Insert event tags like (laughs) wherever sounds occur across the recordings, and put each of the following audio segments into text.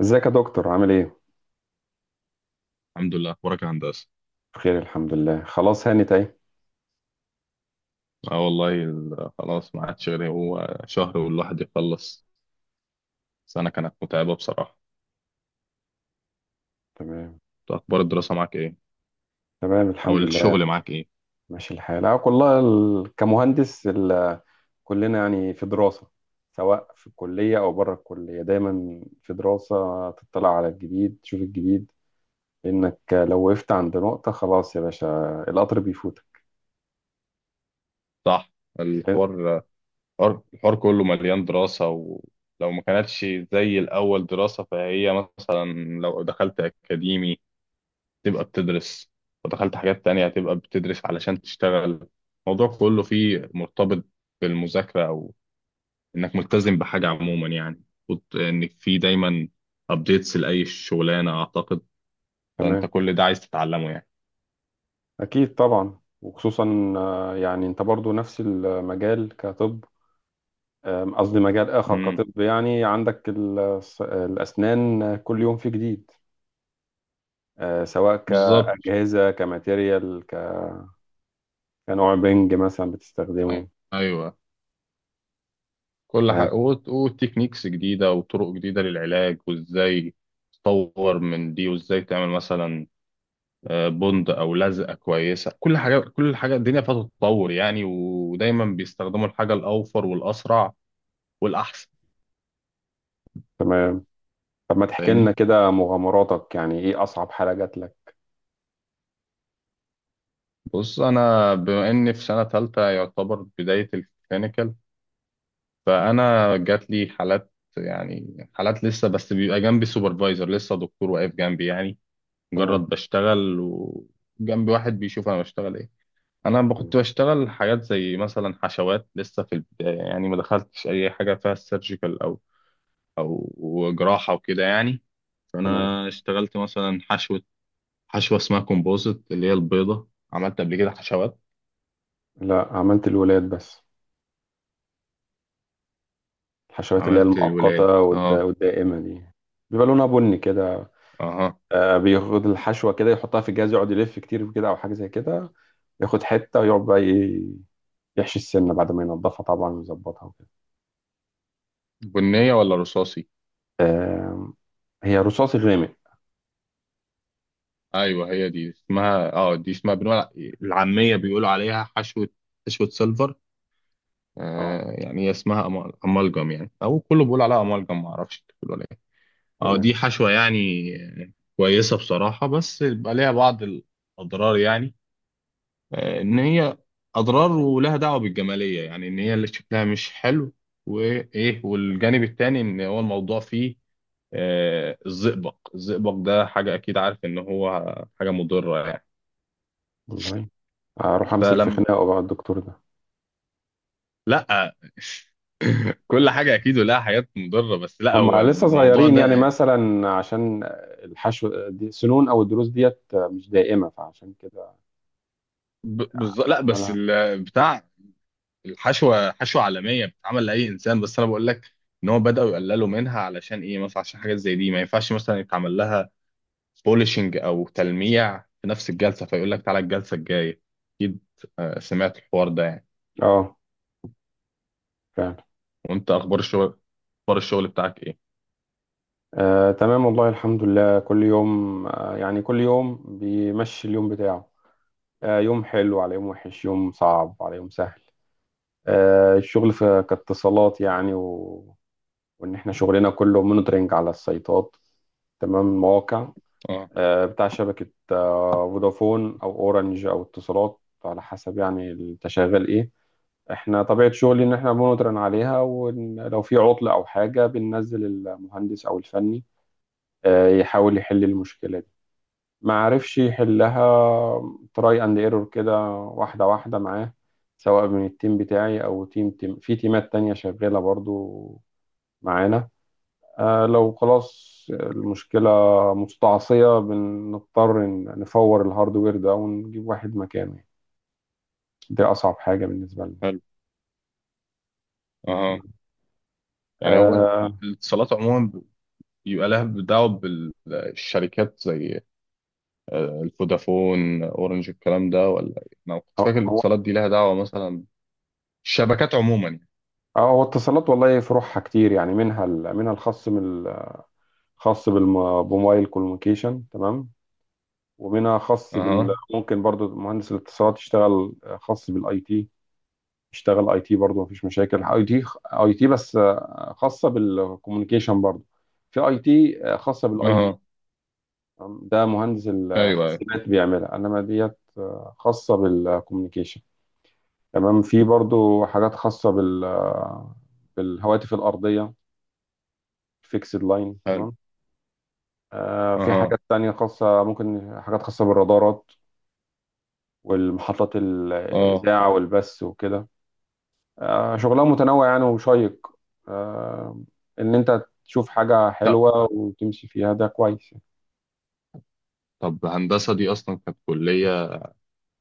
ازيك يا دكتور عامل ايه؟ الحمد لله، اخبارك يا هندسه؟ بخير الحمد لله، خلاص هانت اهي. اه والله، خلاص ما عادش غير هو شهر والواحد يخلص. سنه كانت متعبه بصراحه. تمام. طب اخبار الدراسه معاك ايه؟ تمام او الحمد لله. الشغل معاك ايه؟ ماشي الحال، اه والله، كمهندس كلنا يعني في دراسة، سواء في الكلية أو بره الكلية دايما في دراسة. تطلع على الجديد، تشوف الجديد، لأنك لو وقفت عند نقطة خلاص يا باشا، القطر بيفوتك. صح. الحوار الحوار كله مليان دراسه، ولو ما كانتش زي الاول دراسه فهي مثلا لو دخلت اكاديمي تبقى بتدرس، ودخلت حاجات تانية هتبقى بتدرس علشان تشتغل. الموضوع كله فيه مرتبط بالمذاكره، انك ملتزم بحاجه عموما يعني. المفروض انك في دايما ابديتس لاي شغلانه اعتقد. فانت تمام. كل ده عايز تتعلمه يعني. أكيد طبعا. وخصوصا يعني أنت برضو نفس المجال كطب. قصدي مجال آخر امم. كطب. يعني عندك الأسنان كل يوم في جديد. سواء بالظبط. كأجهزة، كماتيريال، كنوع بنج مثلا بتستخدمه. ايوه، كل أه. حاجه وتكنيكس جديده وطرق جديده للعلاج، وازاي تطور من دي، وازاي تعمل مثلا بند او لزقه كويسه. كل حاجه، كل حاجه الدنيا فيها تتطور يعني، ودايما بيستخدموا الحاجه الاوفر والاسرع والاحسن. تمام. طب ما تحكي لنا فاهمني، كده مغامراتك، يعني إيه أصعب حالة جات لك؟ بص انا بما اني في سنه ثالثه يعتبر بدايه الكلينيكال، فانا جات لي حالات. يعني حالات لسه، بس بيبقى جنبي سوبرفايزر لسه، دكتور واقف جنبي يعني، مجرد تمام. بشتغل وجنبي واحد بيشوف انا بشتغل ايه. كنت تمام. بشتغل حاجات زي مثلا حشوات لسه في البدايه يعني، ما دخلتش اي حاجه فيها سيرجيكال او او جراحه وكده يعني. تمام. فانا اشتغلت مثلا حشوه، حشوه اسمها كومبوزيت اللي هي البيضه. عملت قبل كده حشوات؟ لا، عملت الولاد بس. الحشوات اللي هي عملت الولاد، المؤقتة اه. والدائمة دي بيبقى لونها بني كده. اها. بياخد الحشوة كده يحطها في الجهاز، يقعد يلف كتير كده، أو حاجة زي كده. ياخد حتة ويقعد بقى يحشي السنة بعد ما ينضفها طبعا ويظبطها وكده. بنيه ولا رصاصي؟ آم، هي رصاصي غامق. ايوه هي دي اسمها، اه دي اسمها، بنقول العاميه بيقولوا عليها حشوه، حشوه سيلفر. اه. آه يعني هي اسمها امالجم يعني، او كله بيقول عليها امالجم، ما اعرفش انت بتقول عليها إيه. اه تمام. دي حشوه يعني كويسه بصراحه، بس بيبقى ليها بعض الاضرار يعني. آه ان هي اضرار، ولها دعوه بالجماليه يعني، ان هي اللي شكلها مش حلو. وايه والجانب التاني ان هو الموضوع فيه آه الزئبق. الزئبق ده حاجه، اكيد عارف ان هو حاجه مضره يعني. والله أروح أمسك في فلما، خناقه بقى الدكتور ده. لا. (clears throat) (laughs) كل حاجة أكيد ولها حاجات مضرة، بس لا، هو هما لسه الموضوع صغيرين يعني، ده مثلا عشان الحشو دي سنون أو الضروس ديت مش دائمة، فعشان كده ب- بز... لا بس أعملها كده. ال... بتاع الحشوة، حشوة عالمية بتتعمل لأي إنسان، بس أنا بقول لك إن هو بدأوا يقللوا منها. علشان إيه؟ مثلا عشان حاجات زي دي ما ينفعش مثلا يتعمل لها بوليشنج أو تلميع في نفس الجلسة، فيقول لك تعالى الجلسة الجاية. أكيد. سمعت الحوار ده يعني. اه، فعلا. وأنت أخبار الشغل، أخبار الشغل بتاعك إيه؟ آه، تمام. والله الحمد لله، كل يوم، يعني كل يوم بيمشي اليوم بتاعه. يوم حلو على يوم وحش، يوم صعب على يوم سهل. الشغل في كاتصالات يعني وإن إحنا شغلنا كله مونيتورنج على السيطات، تمام، المواقع. أه. بتاع شبكة فودافون أو أورنج أو اتصالات، على حسب يعني أنت شغال إيه. إحنا طبيعة شغلي إن إحنا مونيتورنج عليها، ولو في عطل أو حاجة بننزل المهندس أو الفني يحاول يحل المشكلة. ما عرفش يحلها، تراي اند ايرور كده واحدة واحدة معاه، سواء من التيم بتاعي أو تيم في تيمات تانية شغالة برضو معانا. لو خلاص المشكلة مستعصية بنضطر نفور الهاردوير ده ونجيب واحد مكانه يعني. دي أصعب حاجة بالنسبة لنا. حلو. أه. يعني هو آه. الاتصالات عموما يبقى لها دعوة بالشركات زي الفودافون، اورنج، الكلام ده ولا إيه؟ انا كنت هو فاكر هو الاتصالات دي لها دعوة مثلا الشبكات عموما يعني. هو اتصالات والله فروعها كتير يعني، منها منها الخاص خاص بموبايل كوميونيكيشن، تمام. ومنها خاص اها. ممكن برضو مهندس الاتصالات يشتغل خاص بالاي تي. يشتغل اي تي برضو، مفيش مشاكل. اي تي، اي تي بس، خاصه بالكوميونيكيشن. برضو في اي تي خاصه بالاي بي، اها. ده مهندس ايوه، ايوه. الحاسبات بيعملها. انما ديت خاصه بالكوميونيكيشن، تمام. في برضو حاجات خاصه بالهواتف الارضيه، فيكسد لاين، حلو. تمام. في اها. حاجات تانية خاصة، ممكن حاجات خاصة بالرادارات والمحطات اه. الإذاعة والبث وكده. شغلها متنوع يعني وشيق. آه، ان انت تشوف حاجة لا. حلوة وتمشي فيها ده كويس. طب هندسة دي اصلا كانت كلية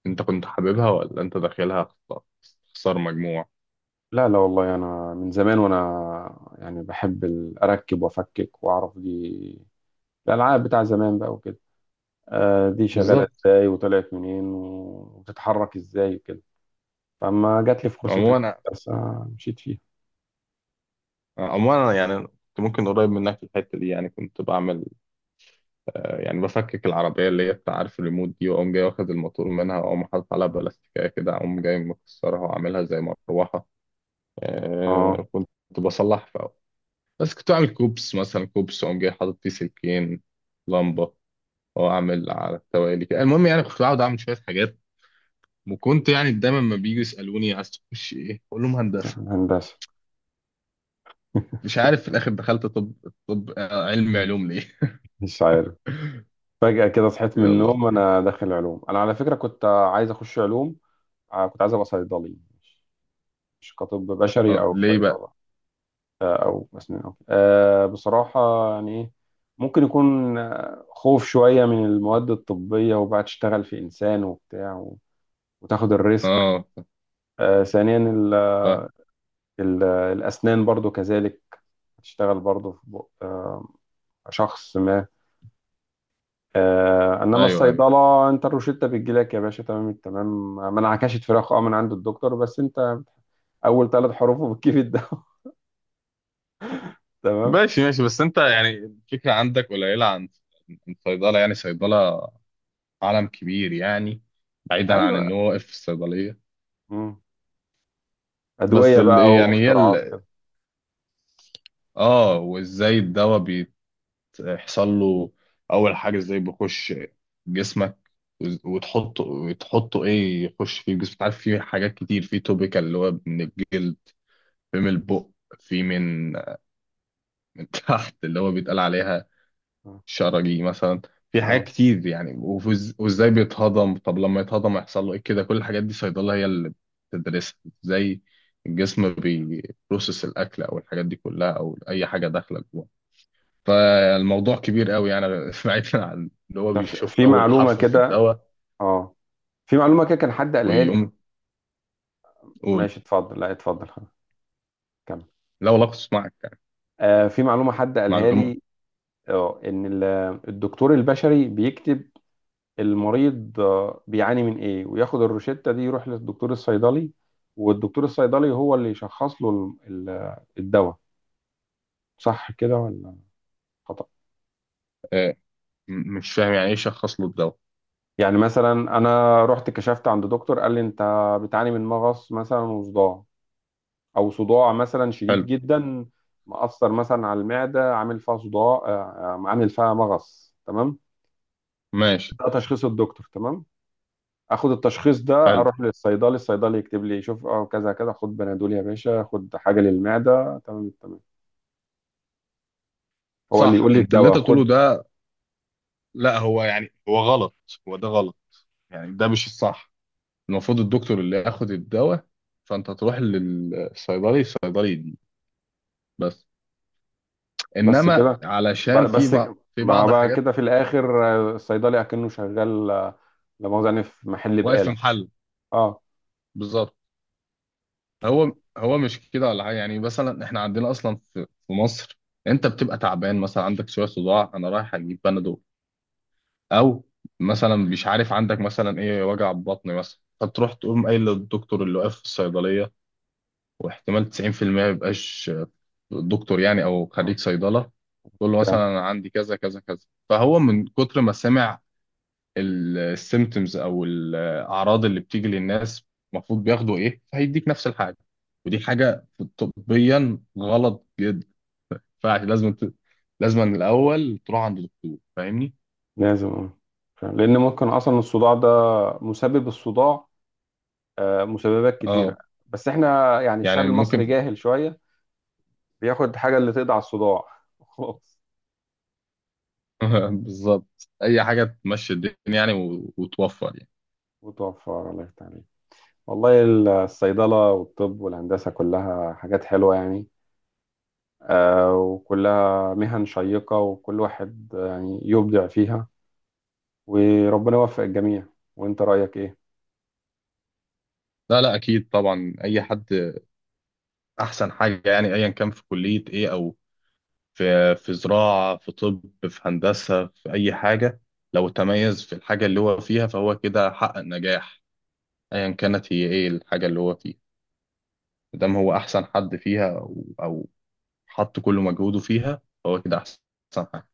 انت كنت حاببها، ولا انت داخلها خسارة، خسارة مجموع؟ لا، لا، والله انا من زمان وانا يعني بحب اركب وافكك واعرف دي الالعاب بتاع زمان بقى وكده، دي شغالة بالظبط. ازاي وطلعت منين وبتتحرك ازاي وكده. فما جات لي فرصة عموما. الهندسة مشيت فيها. عموما أنا يعني كنت ممكن قريب منك في الحتة دي، يعني كنت بعمل، يعني بفكك العربية اللي هي بتاع، عارف الريموت دي، وأقوم جاي واخد الموتور منها، وأقوم حاطط عليها بلاستيكية كده، أقوم جاي مكسرها وعاملها زي مروحة. اه، آه كنت بصلح في أول، بس كنت أعمل كوبس مثلا، كوبس أقوم جاي حاطط فيه سلكين، لمبة، وأعمل على التوالي كده. المهم يعني كنت بقعد أعمل شوية حاجات، وكنت يعني دايما ما بيجوا يسألوني عايز تخش إيه أقول لهم هندسة. هندسة. (laughs) مش عارف في الآخر دخلت طب. طب علم علوم ليه. مش عارف، فجأة كده (laughs) صحيت من يلا. النوم انا داخل علوم. انا على فكرة كنت عايز اخش علوم، كنت عايز ابقى صيدلي. مش كطب بشري آه او ليه بقى. صيدله، او اسنان أو كده. بصراحه يعني ايه، ممكن يكون خوف شويه من المواد الطبيه وبقى تشتغل في انسان وبتاع وتاخد الريسك. آه. ثانيا ف-. الاسنان برضو كذلك، تشتغل برضو في بق شخص ما. انما أيوه، أيوه. الصيدله انت الروشته بتجيلك يا باشا، تمام التمام، ما انعكشت فراخ من عند الدكتور، بس انت اول ثلاث حروفه بتجيب الدواء. (laughs) تمام. ماشي، ماشي. بس انت يعني الفكرة عندك قليلة عن عن صيدلة. يعني صيدلة عالم كبير يعني، بعيدا عن ان ايوه. هو واقف في الصيدلية. مم. بس أدوية ال... بقى يعني هي واختراعات ال... وكده. اه، وازاي الدواء بيحصل له؟ اول حاجة، ازاي بيخش جسمك؟ وتحطه، وتحطه ايه، يخش في الجسم؟ عارف في حاجات كتير، في توبيكال اللي هو من الجلد، في من البق، في من من تحت اللي هو بيتقال عليها اه. شرجي مثلا. في حاجات آه. كتير يعني. وازاي بيتهضم؟ طب لما يتهضم يحصل له ايه كده؟ كل الحاجات دي صيدلة هي اللي بتدرسها. ازاي الجسم بيبروسس الاكل او الحاجات دي كلها او اي حاجة داخلة جوه. فالموضوع كبير قوي يعني. (laughs) بعيدا عن ان هو طب في بيشوف في اول معلومة حرف في كده، الدواء اه، في معلومة كده كان حد قالها لي. ويقوم يقول. ماشي، اتفضل. لا، اتفضل، خلاص، كمل. لا والله كنت معك يعني. في معلومة حد قالها معلومة. لي، اه ان الدكتور البشري بيكتب المريض بيعاني من ايه، وياخد الروشتة دي يروح للدكتور الصيدلي، والدكتور الصيدلي هو اللي يشخص له الدواء. صح كده ولا خطأ؟ آه، مش فاهم، يعني ايه شخص له الدواء؟ يعني مثلا انا رحت كشفت عند دكتور قال لي انت بتعاني من مغص مثلا وصداع، او صداع مثلا شديد حلو. جدا، مأثر مثلا على المعده، عامل فيها صداع، عامل فيها مغص، تمام. ماشي. ده تشخيص الدكتور، تمام. اخد التشخيص ده، حلو. اروح للصيدلي. الصيدلي يكتب لي، شوف كذا كذا، خد بنادول يا باشا، خد حاجه للمعده. تمام. تمام. هو اللي صح يقول لي انت اللي الدواء انت بتقوله خد. ده؟ لا، هو يعني هو غلط. هو ده غلط يعني، ده مش الصح. المفروض الدكتور اللي ياخد الدواء، فانت تروح للصيدلي، الصيدلي دي بس. بس انما كده، علشان في بس بعض، في ما بعض بقى حاجات. كده في الاخر الصيدلي اكنه شغال، لا مؤاخذه يعني في محل واقف في بقاله. محل. اه. بالظبط. هو هو مش كده ولا حاجه يعني. مثلا احنا عندنا اصلا في مصر، انت بتبقى تعبان مثلا، عندك شويه صداع، انا رايح اجيب بنادول. او مثلا مش عارف عندك مثلا ايه، وجع بطن مثلا، فتروح تقوم قايل للدكتور اللي واقف في الصيدليه، واحتمال 90% ما يبقاش دكتور يعني او اه، خريج صيدله. تقول له فعلا. مثلا أنا عندي كذا كذا كذا، فهو من كتر ما سمع السيمتومز او الاعراض اللي بتيجي للناس، المفروض بياخدوا ايه، فهيديك نفس الحاجه. ودي حاجه طبيا غلط جدا، فلازم ت...، لازم من الاول تروح عند دكتور. فاهمني. لازم. اه، فعلا. لان ممكن اصلا الصداع ده، مسبب الصداع مسببات كتيرة، اه. بس احنا يعني الشعب يعني المصري ممكن. جاهل شوية، بياخد حاجة اللي تقضي على الصداع. (laughs) خلاص، (laughs) بالظبط، اي حاجه تمشي الدنيا يعني و... وتوفر يعني. وتوفر. الله يفتح عليك. والله الصيدلة والطب والهندسة كلها حاجات حلوة يعني، وكلها مهن شيقة، وكل واحد يعني يبدع فيها، وربنا يوفق الجميع. وانت رأيك ايه؟ لا، اكيد طبعا. اي حد، احسن حاجه يعني ايا كان في كليه ايه، او في في زراعة، في طب، في هندسة، في أي حاجة، لو تميز في الحاجة اللي هو فيها فهو كده حقق نجاح. أيا كانت هي إيه الحاجة اللي هو فيها، مادام هو أحسن حد فيها، أو حط كل مجهوده فيها، فهو كده أحسن حاجة.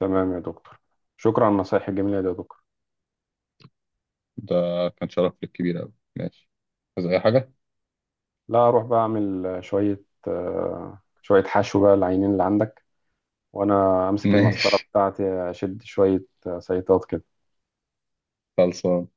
تمام يا دكتور، شكرا على النصايح الجميلة دي يا دكتور. ده كان شرف لك كبير أوي، ماشي. عايز أي حاجة؟ لا، اروح بقى اعمل شوية حشو بقى العينين اللي عندك، وانا (laughs) امسك المسطره ماشي. بتاعتي اشد شويه. صيطات كده. خلصان.